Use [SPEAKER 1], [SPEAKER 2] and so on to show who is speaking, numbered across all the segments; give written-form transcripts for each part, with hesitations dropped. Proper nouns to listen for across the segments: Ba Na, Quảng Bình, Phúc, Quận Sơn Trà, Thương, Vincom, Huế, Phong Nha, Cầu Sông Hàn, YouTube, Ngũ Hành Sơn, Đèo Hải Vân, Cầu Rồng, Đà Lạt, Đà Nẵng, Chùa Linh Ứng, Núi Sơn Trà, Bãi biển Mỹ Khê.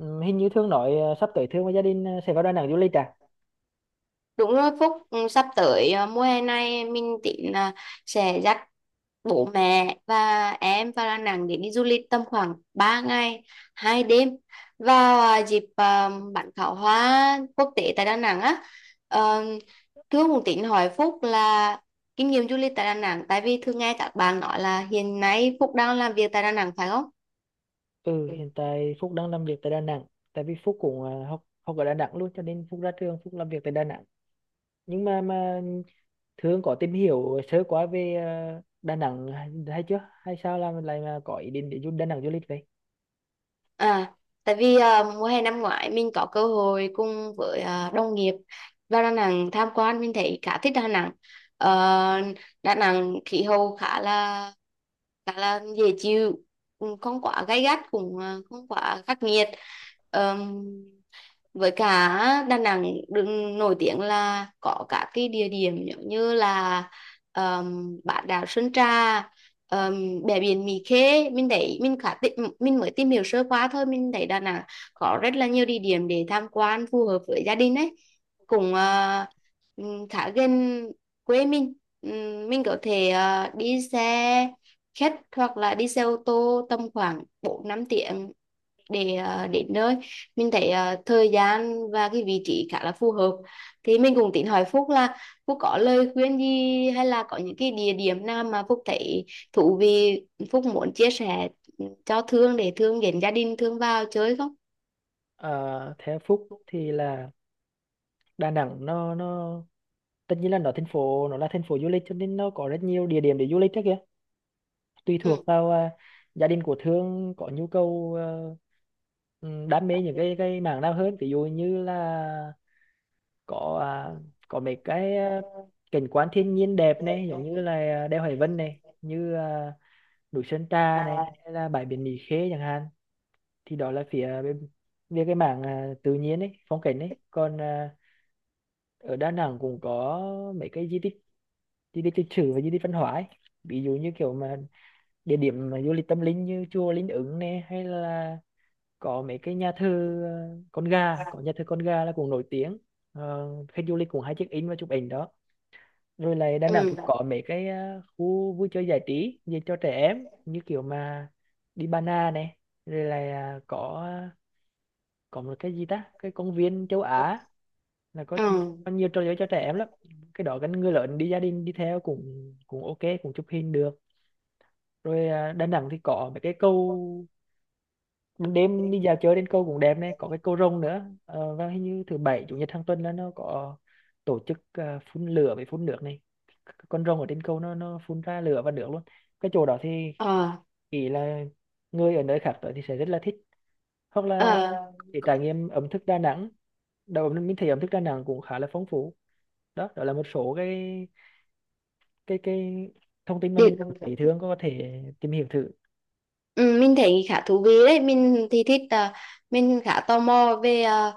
[SPEAKER 1] Ừ, hình như Thương nói sắp tới Thương và gia đình sẽ vào Đà Nẵng du lịch à?
[SPEAKER 2] Đúng rồi Phúc, sắp tới mùa hè này mình tính là sẽ dắt bố mẹ và em vào Đà Nẵng để đi du lịch tầm khoảng 3 ngày, 2 đêm vào dịp bắn pháo hoa quốc tế tại Đà Nẵng á. Ờ, Thương cũng tính hỏi Phúc là kinh nghiệm du lịch tại Đà Nẵng, tại vì thường nghe các bạn nói là hiện nay Phúc đang làm việc tại Đà Nẵng phải không?
[SPEAKER 1] Ừ, hiện tại Phúc đang làm việc tại Đà Nẵng. Tại vì Phúc cũng học học ở Đà Nẵng luôn cho nên Phúc ra trường Phúc làm việc tại Đà Nẵng. Nhưng mà Thương có tìm hiểu sơ qua về Đà Nẵng hay chưa? Hay sao là mình lại mà có ý định để du Đà Nẵng du lịch vậy?
[SPEAKER 2] À, tại vì mùa hè năm ngoái mình có cơ hội cùng với đồng nghiệp vào Đà Nẵng tham quan, mình thấy khá thích Đà Nẵng. Ờ, Đà Nẵng khí hậu khá là dễ chịu, cũng không quá gay gắt, cũng không quá khắc nghiệt. Ờm, với cả Đà Nẵng được nổi tiếng là có cả cái địa điểm giống như là bán đảo Sơn Trà, bãi biển Mỹ Khê. Mình thấy mình mới tìm hiểu sơ qua thôi, mình thấy Đà Nẵng có rất là nhiều địa điểm để tham quan phù hợp với gia đình ấy, cũng khá gần quê mình. Mình có thể đi xe khách hoặc là đi xe ô tô tầm khoảng 4 năm tiếng để đến nơi. Mình thấy thời gian và cái vị trí khá là phù hợp, thì mình cũng tính hỏi Phúc là Phúc có lời khuyên gì hay là có những cái địa điểm nào mà Phúc thấy thú vị, Phúc muốn chia sẻ cho Thương để Thương đến gia đình Thương vào chơi không?
[SPEAKER 1] Ờ, theo Phúc thì là Đà Nẵng nó tất nhiên là nó thành phố nó là thành phố du lịch cho nên nó có rất nhiều địa điểm để du lịch đó kìa, tùy
[SPEAKER 2] Ừ.
[SPEAKER 1] thuộc vào gia đình của Thương có nhu cầu, đam mê những cái mảng nào hơn. Ví dụ như là có có mấy cái cảnh quan thiên nhiên đẹp này, giống như là đèo Hải Vân này, như núi Sơn Trà này, hay là bãi biển Mỹ Khê chẳng hạn, thì đó là phía bên về cái mảng tự nhiên ấy, phong cảnh ấy. Còn ở Đà Nẵng cũng có mấy cái di tích, di tích lịch sử và di tích văn hóa ấy. Ví dụ như kiểu mà địa điểm mà du lịch tâm linh như chùa Linh Ứng nè, hay là có mấy cái nhà thờ, con gà, có nhà thờ con gà là cũng nổi tiếng. Ờ, khách du lịch cũng hay check in và chụp ảnh đó. Rồi lại Đà
[SPEAKER 2] Ừ.
[SPEAKER 1] Nẵng cũng có mấy cái khu vui chơi giải trí dành cho trẻ em, như kiểu mà đi Ba Na này, rồi là có một cái gì ta, cái công viên châu Á, là
[SPEAKER 2] Ừ.
[SPEAKER 1] có nhiều trò chơi cho trẻ em lắm. Cái đó gần người lớn đi, gia đình đi theo cũng cũng ok cũng chụp hình được. Rồi Đà Nẵng thì có mấy cái cầu, ban đêm đi dạo chơi đến câu cũng đẹp này, có cái cầu rồng nữa. Ờ, và hình như thứ bảy chủ nhật hàng tuần là nó có tổ chức phun lửa với phun nước này. Con rồng ở trên cầu nó phun ra lửa và nước luôn. Cái chỗ đó thì
[SPEAKER 2] Ờ.
[SPEAKER 1] ý là người ở nơi khác tới thì sẽ rất là thích, hoặc là
[SPEAKER 2] Ờ.
[SPEAKER 1] để trải nghiệm ẩm thực Đà Nẵng. Đầu mình thấy ẩm thực Đà Nẵng cũng khá là phong phú. Đó đó là một số cái cái cái thông tin mà mình
[SPEAKER 2] Điện.
[SPEAKER 1] cảm thấy thường có thể tìm hiểu thử.
[SPEAKER 2] Ừ, mình thấy khá thú vị đấy, mình thì thích mình khá tò mò về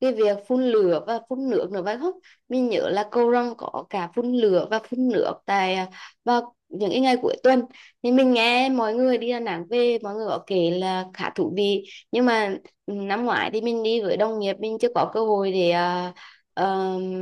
[SPEAKER 2] cái việc phun lửa và phun nước nữa phải không? Mình nhớ là cầu răng có cả phun lửa và phun nước tại vào những cái ngày cuối tuần, thì mình nghe mọi người đi Đà Nẵng về mọi người có kể là khá thú vị. Nhưng mà năm ngoái thì mình đi với đồng nghiệp, mình chưa có cơ hội để ờm,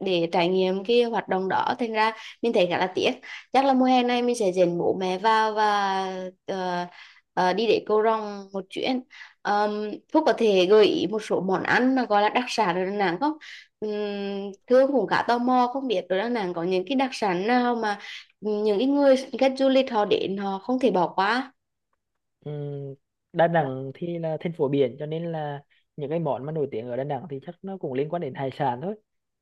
[SPEAKER 2] để trải nghiệm cái hoạt động đó, thành ra mình thấy khá là tiếc. Chắc là mùa hè này mình sẽ dẫn bố mẹ vào và ờ, đi để cầu răng một chuyến. Phúc có thể gợi ý một số món ăn mà gọi là đặc sản ở Đà Nẵng không? Um, Thương cũng khá tò mò không biết ở Đà Nẵng có những cái đặc sản nào mà những cái người khách du lịch họ đến họ không thể bỏ qua.
[SPEAKER 1] Ừm, Đà Nẵng thì là thành phố biển cho nên là những cái món mà nổi tiếng ở Đà Nẵng thì chắc nó cũng liên quan đến hải sản thôi.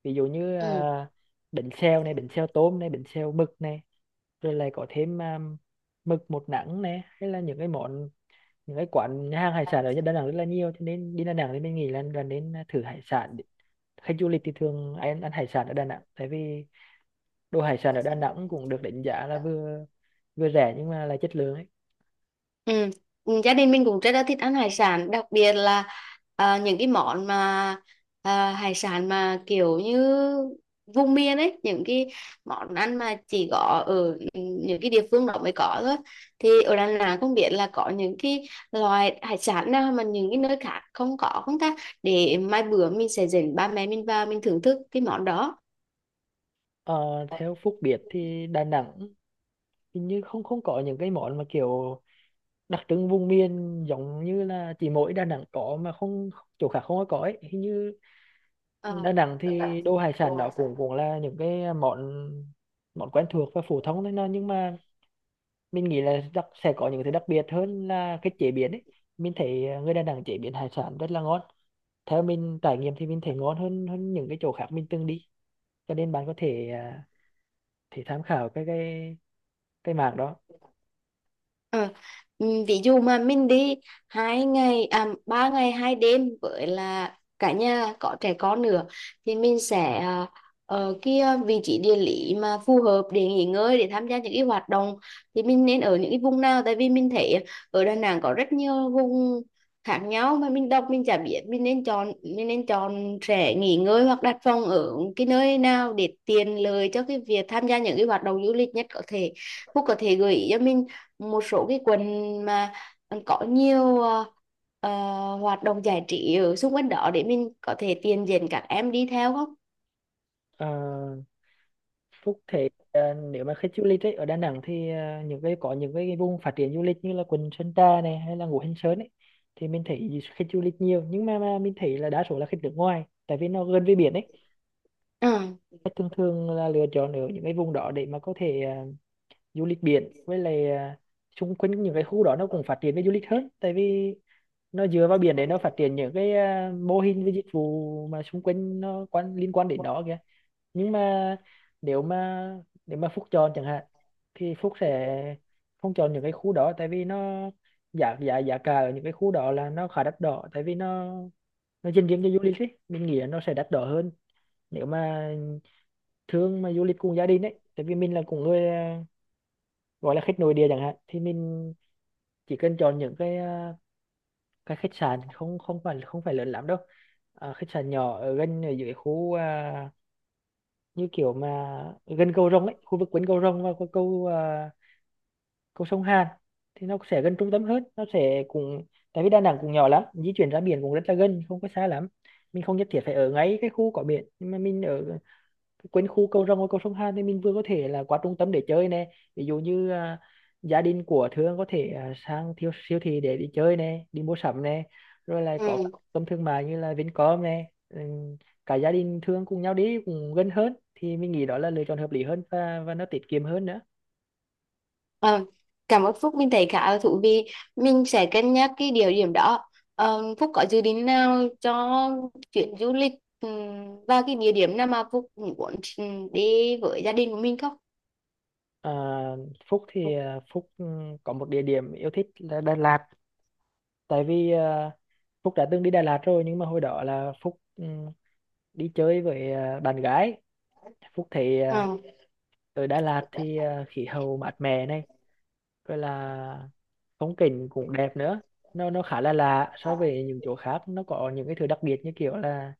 [SPEAKER 1] Ví dụ như
[SPEAKER 2] Ừ.
[SPEAKER 1] bánh xèo này, bánh xèo tôm này, bánh xèo mực này, rồi lại có thêm mực một nắng này, hay là những cái món, những cái quán nhà hàng hải sản ở Đà Nẵng rất là nhiều cho nên đi Đà Nẵng thì mình nghĩ là nên thử hải sản. Khách du lịch thì thường ai ăn hải sản ở Đà Nẵng tại vì đồ hải sản ở Đà Nẵng cũng được đánh giá là vừa vừa rẻ nhưng mà là chất lượng ấy.
[SPEAKER 2] Ừ. Ừ, gia đình mình cũng rất là thích ăn hải sản, đặc biệt là những cái món mà hải sản mà kiểu như vùng miền ấy, những cái món ăn mà chỉ có ở những cái địa phương đó mới có thôi. Thì ở Đà Nẵng không biết là có những cái loại hải sản nào mà những cái nơi khác không có không ta, để mai bữa mình sẽ dẫn ba mẹ mình vào, mình thưởng thức cái món đó.
[SPEAKER 1] Ờ, theo Phúc biết thì Đà Nẵng hình như không không có những cái món mà kiểu đặc trưng vùng miền, giống như là chỉ mỗi Đà Nẵng có mà không chỗ khác không có ấy. Hình như
[SPEAKER 2] Ờ.
[SPEAKER 1] Đà Nẵng thì đồ hải sản đó cũng cũng là những cái món, quen thuộc và phổ thông thôi, nhưng mà mình nghĩ là sẽ có những thứ đặc biệt hơn là cái chế biến ấy. Mình thấy người Đà Nẵng chế biến hải sản rất là ngon. Theo mình trải nghiệm thì mình thấy ngon hơn hơn những cái chỗ khác mình từng đi. Cho nên bạn có thể à, thể tham khảo cái mảng đó.
[SPEAKER 2] Ờ, ừ, ví dụ mà mình đi 2 ngày 3 ngày hai đêm với là cả nhà có trẻ con nữa, thì mình sẽ ở kia vị trí địa lý mà phù hợp để nghỉ ngơi, để tham gia những cái hoạt động thì mình nên ở những cái vùng nào, tại vì mình thấy ở Đà Nẵng có rất nhiều vùng khác nhau mà mình đọc mình chả biết mình nên chọn trẻ nghỉ ngơi hoặc đặt phòng ở cái nơi nào để tiện lợi cho cái việc tham gia những cái hoạt động du lịch nhất có thể. Phúc có thể gợi ý cho mình một số cái quận mà có nhiều ờ, hoạt động giải trí ở xung quanh đó để mình có thể tiền dẫn các em đi theo không?
[SPEAKER 1] Ờ, Phúc thế nếu mà khách du lịch ấy, ở Đà Nẵng thì ờ, những cái có những cái vùng phát triển du lịch như là quận Sơn Trà này hay là Ngũ Hành Sơn ấy, thì mình thấy khách du lịch nhiều, nhưng mà mình thấy là đa số là khách nước ngoài tại vì nó gần với biển ấy.
[SPEAKER 2] Ừ.
[SPEAKER 1] Khách thường thường là lựa chọn ở những cái vùng đó để mà có thể du lịch biển, với lại xung quanh những cái khu đó nó cũng phát triển về du lịch hơn tại vì nó dựa vào biển để nó phát triển những cái mô hình với dịch vụ mà xung quanh nó, liên quan đến nó kìa. Nhưng mà nếu mà nếu mà Phúc chọn chẳng hạn thì Phúc sẽ không chọn những cái khu đó, tại vì nó giá giá giá cả ở những cái khu đó là nó khá đắt đỏ, tại vì nó dành riêng cho du lịch ấy, mình nghĩ là nó sẽ đắt đỏ hơn. Nếu mà thương mà du lịch cùng gia đình ấy, tại vì mình là cũng người gọi là khách nội địa chẳng hạn, thì mình chỉ cần chọn những cái cái khách sạn không không phải không phải lớn lắm đâu, khách sạn nhỏ ở gần, ở dưới khu như kiểu mà gần cầu Rồng ấy, khu vực quanh cầu Rồng và cầu sông Hàn, thì nó sẽ gần trung tâm hơn. Nó sẽ cũng, tại vì Đà Nẵng cũng nhỏ lắm, di chuyển ra biển cũng rất là gần, không có xa lắm. Mình không nhất thiết phải ở ngay cái khu có biển, nhưng mà mình ở quanh khu cầu rồng và cầu sông Hàn thì mình vừa có thể là qua trung tâm để chơi nè. Ví dụ như gia đình của Thương có thể sang siêu thị để đi chơi nè, đi mua sắm nè, rồi lại có các
[SPEAKER 2] Ừ.
[SPEAKER 1] trung tâm thương mại như là Vincom nè. Ừ, cả gia đình Thương cùng nhau đi cũng gần hơn, thì mình nghĩ đó là lựa chọn hợp lý hơn và nó tiết kiệm hơn nữa.
[SPEAKER 2] ờ, Cảm ơn Phúc, mình thấy khá là thú vị. Mình sẽ cân nhắc cái địa điểm đó. Ờ, Phúc có dự định nào cho chuyến du lịch và cái địa điểm nào mà Phúc muốn đi với gia đình của mình không?
[SPEAKER 1] À, Phúc thì có một địa điểm yêu thích là Đà Lạt, tại vì Phúc đã từng đi Đà Lạt rồi, nhưng mà hồi đó là Phúc đi chơi với bạn gái. Phúc thấy
[SPEAKER 2] Ừ.
[SPEAKER 1] ở Đà Lạt thì khí hậu mát mẻ này, rồi là phong cảnh cũng đẹp nữa. Nó khá là lạ so với những chỗ khác, nó có những cái thứ đặc biệt như kiểu là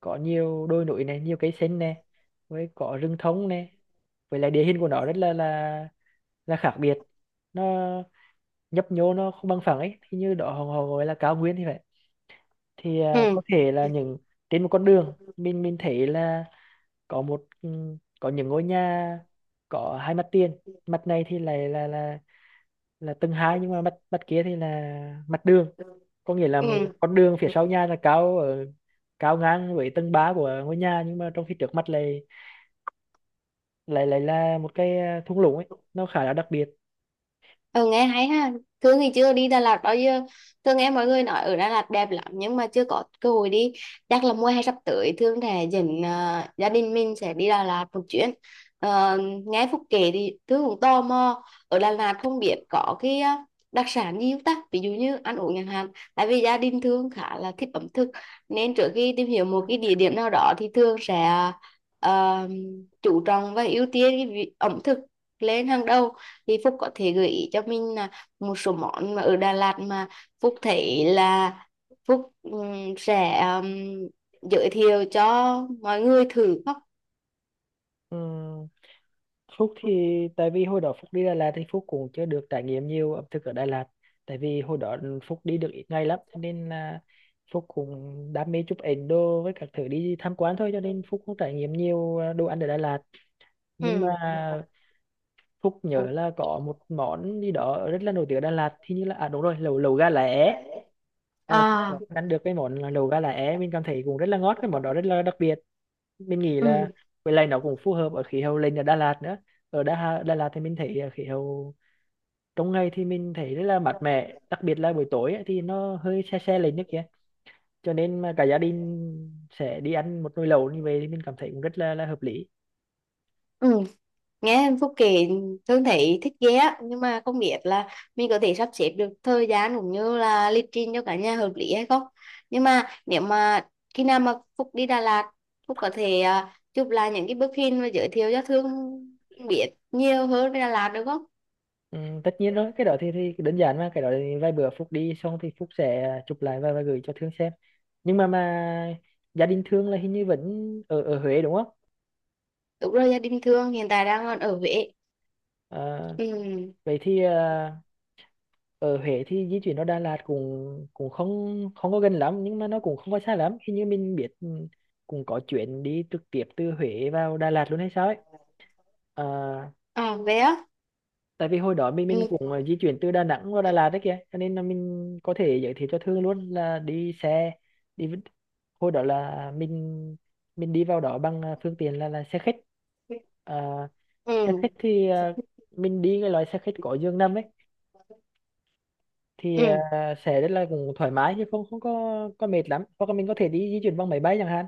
[SPEAKER 1] có nhiều đồi núi này, nhiều cây xanh này, với có rừng thông này, với lại địa hình của nó rất là khác biệt. Nó nhấp nhô, nó không bằng phẳng ấy, thì như đó họ họ gọi là cao nguyên thì vậy. Thì
[SPEAKER 2] Ừ.
[SPEAKER 1] có thể là những trên một con đường, mình thấy là có một, có những ngôi nhà có hai mặt tiền. Mặt này thì lại là là tầng hai, nhưng mà mặt mặt kia thì là mặt đường, có nghĩa là một
[SPEAKER 2] Ừ.
[SPEAKER 1] con đường phía sau nhà là cao ở cao ngang với tầng 3 của ngôi nhà, nhưng mà trong khi trước mặt lại lại lại là một cái thung lũng ấy, nó khá là đặc biệt.
[SPEAKER 2] Ừ, nghe hay ha. Thương thì chưa đi Đà Lạt bao giờ. Thương nghe mọi người nói ở Đà Lạt đẹp lắm nhưng mà chưa có cơ hội đi. Chắc là mùa hè sắp tới Thương sẽ dẫn gia đình mình sẽ đi Đà Lạt một chuyến. Ờ, Nghe Phúc kể thì Thương cũng tò mò. Ở Đà Lạt không biết có cái đặc sản gì không ta? Ví dụ như ăn uống chẳng hạn. Tại vì gia đình Thương khá là thích ẩm thực nên trước khi tìm hiểu một cái địa điểm nào đó thì Thương sẽ ờ, chú trọng và ưu tiên cái ẩm thực lên hàng đầu, thì Phúc có thể gợi ý cho mình là một số món mà ở Đà Lạt mà Phúc thấy là Phúc sẽ giới thiệu cho mọi người thử không?
[SPEAKER 1] Ừ, Phúc thì
[SPEAKER 2] Phúc-
[SPEAKER 1] tại vì hồi đó Phúc đi Đà Lạt thì Phúc cũng chưa được trải nghiệm nhiều ẩm thực ở Đà Lạt, tại vì hồi đó Phúc đi được ít ngày lắm cho nên là Phúc cũng đam mê chụp ảnh đồ với các thứ đi tham quan thôi, cho nên Phúc cũng trải nghiệm nhiều đồ ăn ở Đà Lạt. Nhưng mà
[SPEAKER 2] Ừ.
[SPEAKER 1] Phúc nhớ
[SPEAKER 2] Phúc-
[SPEAKER 1] là có một món gì đó rất là nổi tiếng ở Đà Lạt thì như là à đúng rồi, lẩu lẩu gà lá é. Ờ, Phúc
[SPEAKER 2] à
[SPEAKER 1] có ăn được cái món là lẩu gà lá é, mình cảm thấy cũng rất là ngon, cái món đó rất là đặc biệt. Mình nghĩ là
[SPEAKER 2] ừ.
[SPEAKER 1] với lại nó cũng phù hợp ở khí hậu lên ở Đà Lạt nữa. Ở Đà Lạt thì mình thấy khí hậu trong ngày thì mình thấy rất là mát mẻ, đặc biệt là buổi tối ấy, thì nó hơi se se lên nước kia, cho nên mà cả gia đình sẽ đi ăn một nồi lẩu như vậy thì mình cảm thấy cũng là hợp lý.
[SPEAKER 2] Ừ, nghe Phúc kể Thương thấy thích ghê á, nhưng mà không biết là mình có thể sắp xếp được thời gian cũng như là lịch trình cho cả nhà hợp lý hay không. Nhưng mà nếu mà khi nào mà Phúc đi Đà Lạt, Phúc có thể chụp lại những cái bức hình và giới thiệu cho Thương biết nhiều hơn về Đà Lạt được không?
[SPEAKER 1] Ừ, tất nhiên rồi, cái đó thì đơn giản mà, cái đó thì vài bữa Phúc đi xong thì Phúc sẽ chụp lại và gửi cho Thương xem. Nhưng mà gia đình Thương là hình như vẫn ở ở Huế đúng không?
[SPEAKER 2] Đúng rồi, gia đình Thương hiện tại đang còn ở Huế.
[SPEAKER 1] Ờ,
[SPEAKER 2] Ừ.
[SPEAKER 1] vậy thì ở Huế thì di chuyển nó Đà Lạt cũng cũng không không có gần lắm, nhưng mà nó cũng không có xa lắm. Hình như mình biết ừ, cũng có chuyến đi trực tiếp từ Huế vào Đà Lạt luôn hay sao ấy. Ờ,
[SPEAKER 2] À, Huế á.
[SPEAKER 1] tại vì hồi đó mình
[SPEAKER 2] Ừ.
[SPEAKER 1] cũng di chuyển từ Đà Nẵng vào Đà Lạt đấy kìa, cho nên là mình có thể giới thiệu cho Thương luôn là đi xe đi với- hồi đó là mình mình đi vào đó bằng phương tiện là xe khách. Ờ, xe
[SPEAKER 2] Ừ.
[SPEAKER 1] khách thì mình đi cái loại xe khách có giường nằm ấy, thì
[SPEAKER 2] Ừ.
[SPEAKER 1] sẽ rất là cũng thoải mái, chứ không không có có mệt lắm, hoặc là mình có thể đi di chuyển bằng máy bay chẳng hạn.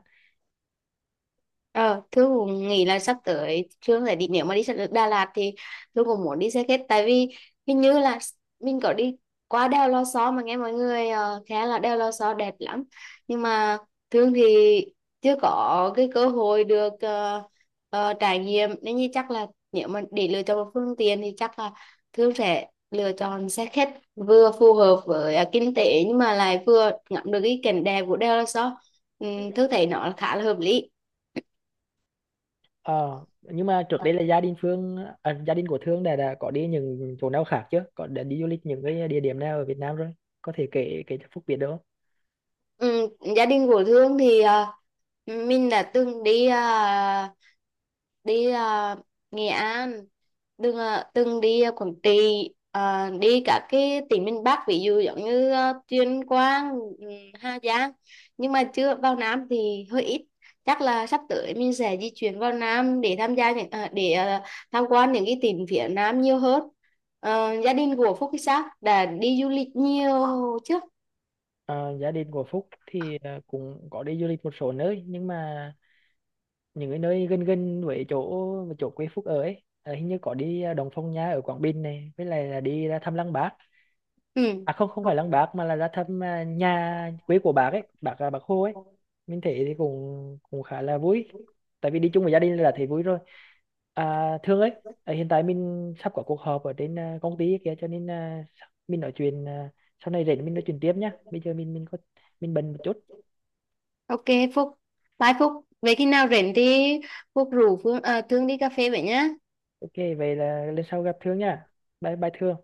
[SPEAKER 2] Ờ, Thương cũng nghĩ là sắp tới Thương sẽ đi, nếu mà đi Đà Lạt thì Thương cũng muốn đi xe khách, tại vì hình như là mình có đi qua đèo Lò Xo mà nghe mọi người khá là đèo Lò Xo đẹp lắm, nhưng mà Thương thì chưa có cái cơ hội được trải nghiệm. Nên như chắc là nếu mà để lựa chọn một phương tiện thì chắc là Thương sẽ lựa chọn xe khách, vừa phù hợp với kinh tế nhưng mà lại vừa ngắm được cái cảnh đẹp của đèo Lò Xo, ừ, Thương thấy nó khá là hợp lý.
[SPEAKER 1] Ờ, nhưng mà trước đây là gia đình của Thương đã có đi những chỗ nào khác chưa? Có đã đi du lịch những cái địa điểm nào ở Việt Nam rồi? Có thể kể kể cho Phúc biết được không?
[SPEAKER 2] Ừ, gia đình của Thương thì mình đã từng đi đi à, Nghệ An, từng à, từng đi Quảng Trị, đi cả cái tỉnh miền Bắc ví dụ giống như Tuyên Quang, ừ, Hà Giang. Nhưng mà chưa vào Nam thì hơi ít. Chắc là sắp tới mình sẽ di chuyển vào Nam để tham gia những à, để à, tham quan những cái tỉnh phía Nam nhiều hơn. Ờ, gia đình của Phúc thì sao? Đã đi du lịch nhiều chưa?
[SPEAKER 1] Ờ, gia đình của Phúc thì cũng có đi du lịch một số nơi, nhưng mà những cái nơi gần gần với chỗ chỗ quê Phúc ở ấy. À, hình như có đi Đồng Phong Nha ở Quảng Bình này, với lại là đi ra thăm Lăng Bác, à không không
[SPEAKER 2] Ừ.
[SPEAKER 1] phải Lăng Bác, mà là ra thăm nhà quê của bác ấy, bác là bác Hồ ấy. Mình thấy thì cũng cũng khá là vui, tại vì đi chung với gia đình là thấy vui rồi. À, thương ấy, hiện tại mình sắp có cuộc họp ở trên công ty kia, cho nên mình nói chuyện sau này rảnh mình nói chuyện tiếp nhá, bây giờ mình mình bận một chút.
[SPEAKER 2] Ok Phúc, bye Phúc. Vậy khi nào rảnh thì Phúc rủ Phương, à, Thương đi cà phê vậy nhá.
[SPEAKER 1] Ok vậy là lần sau gặp thương nha, bye bye thương.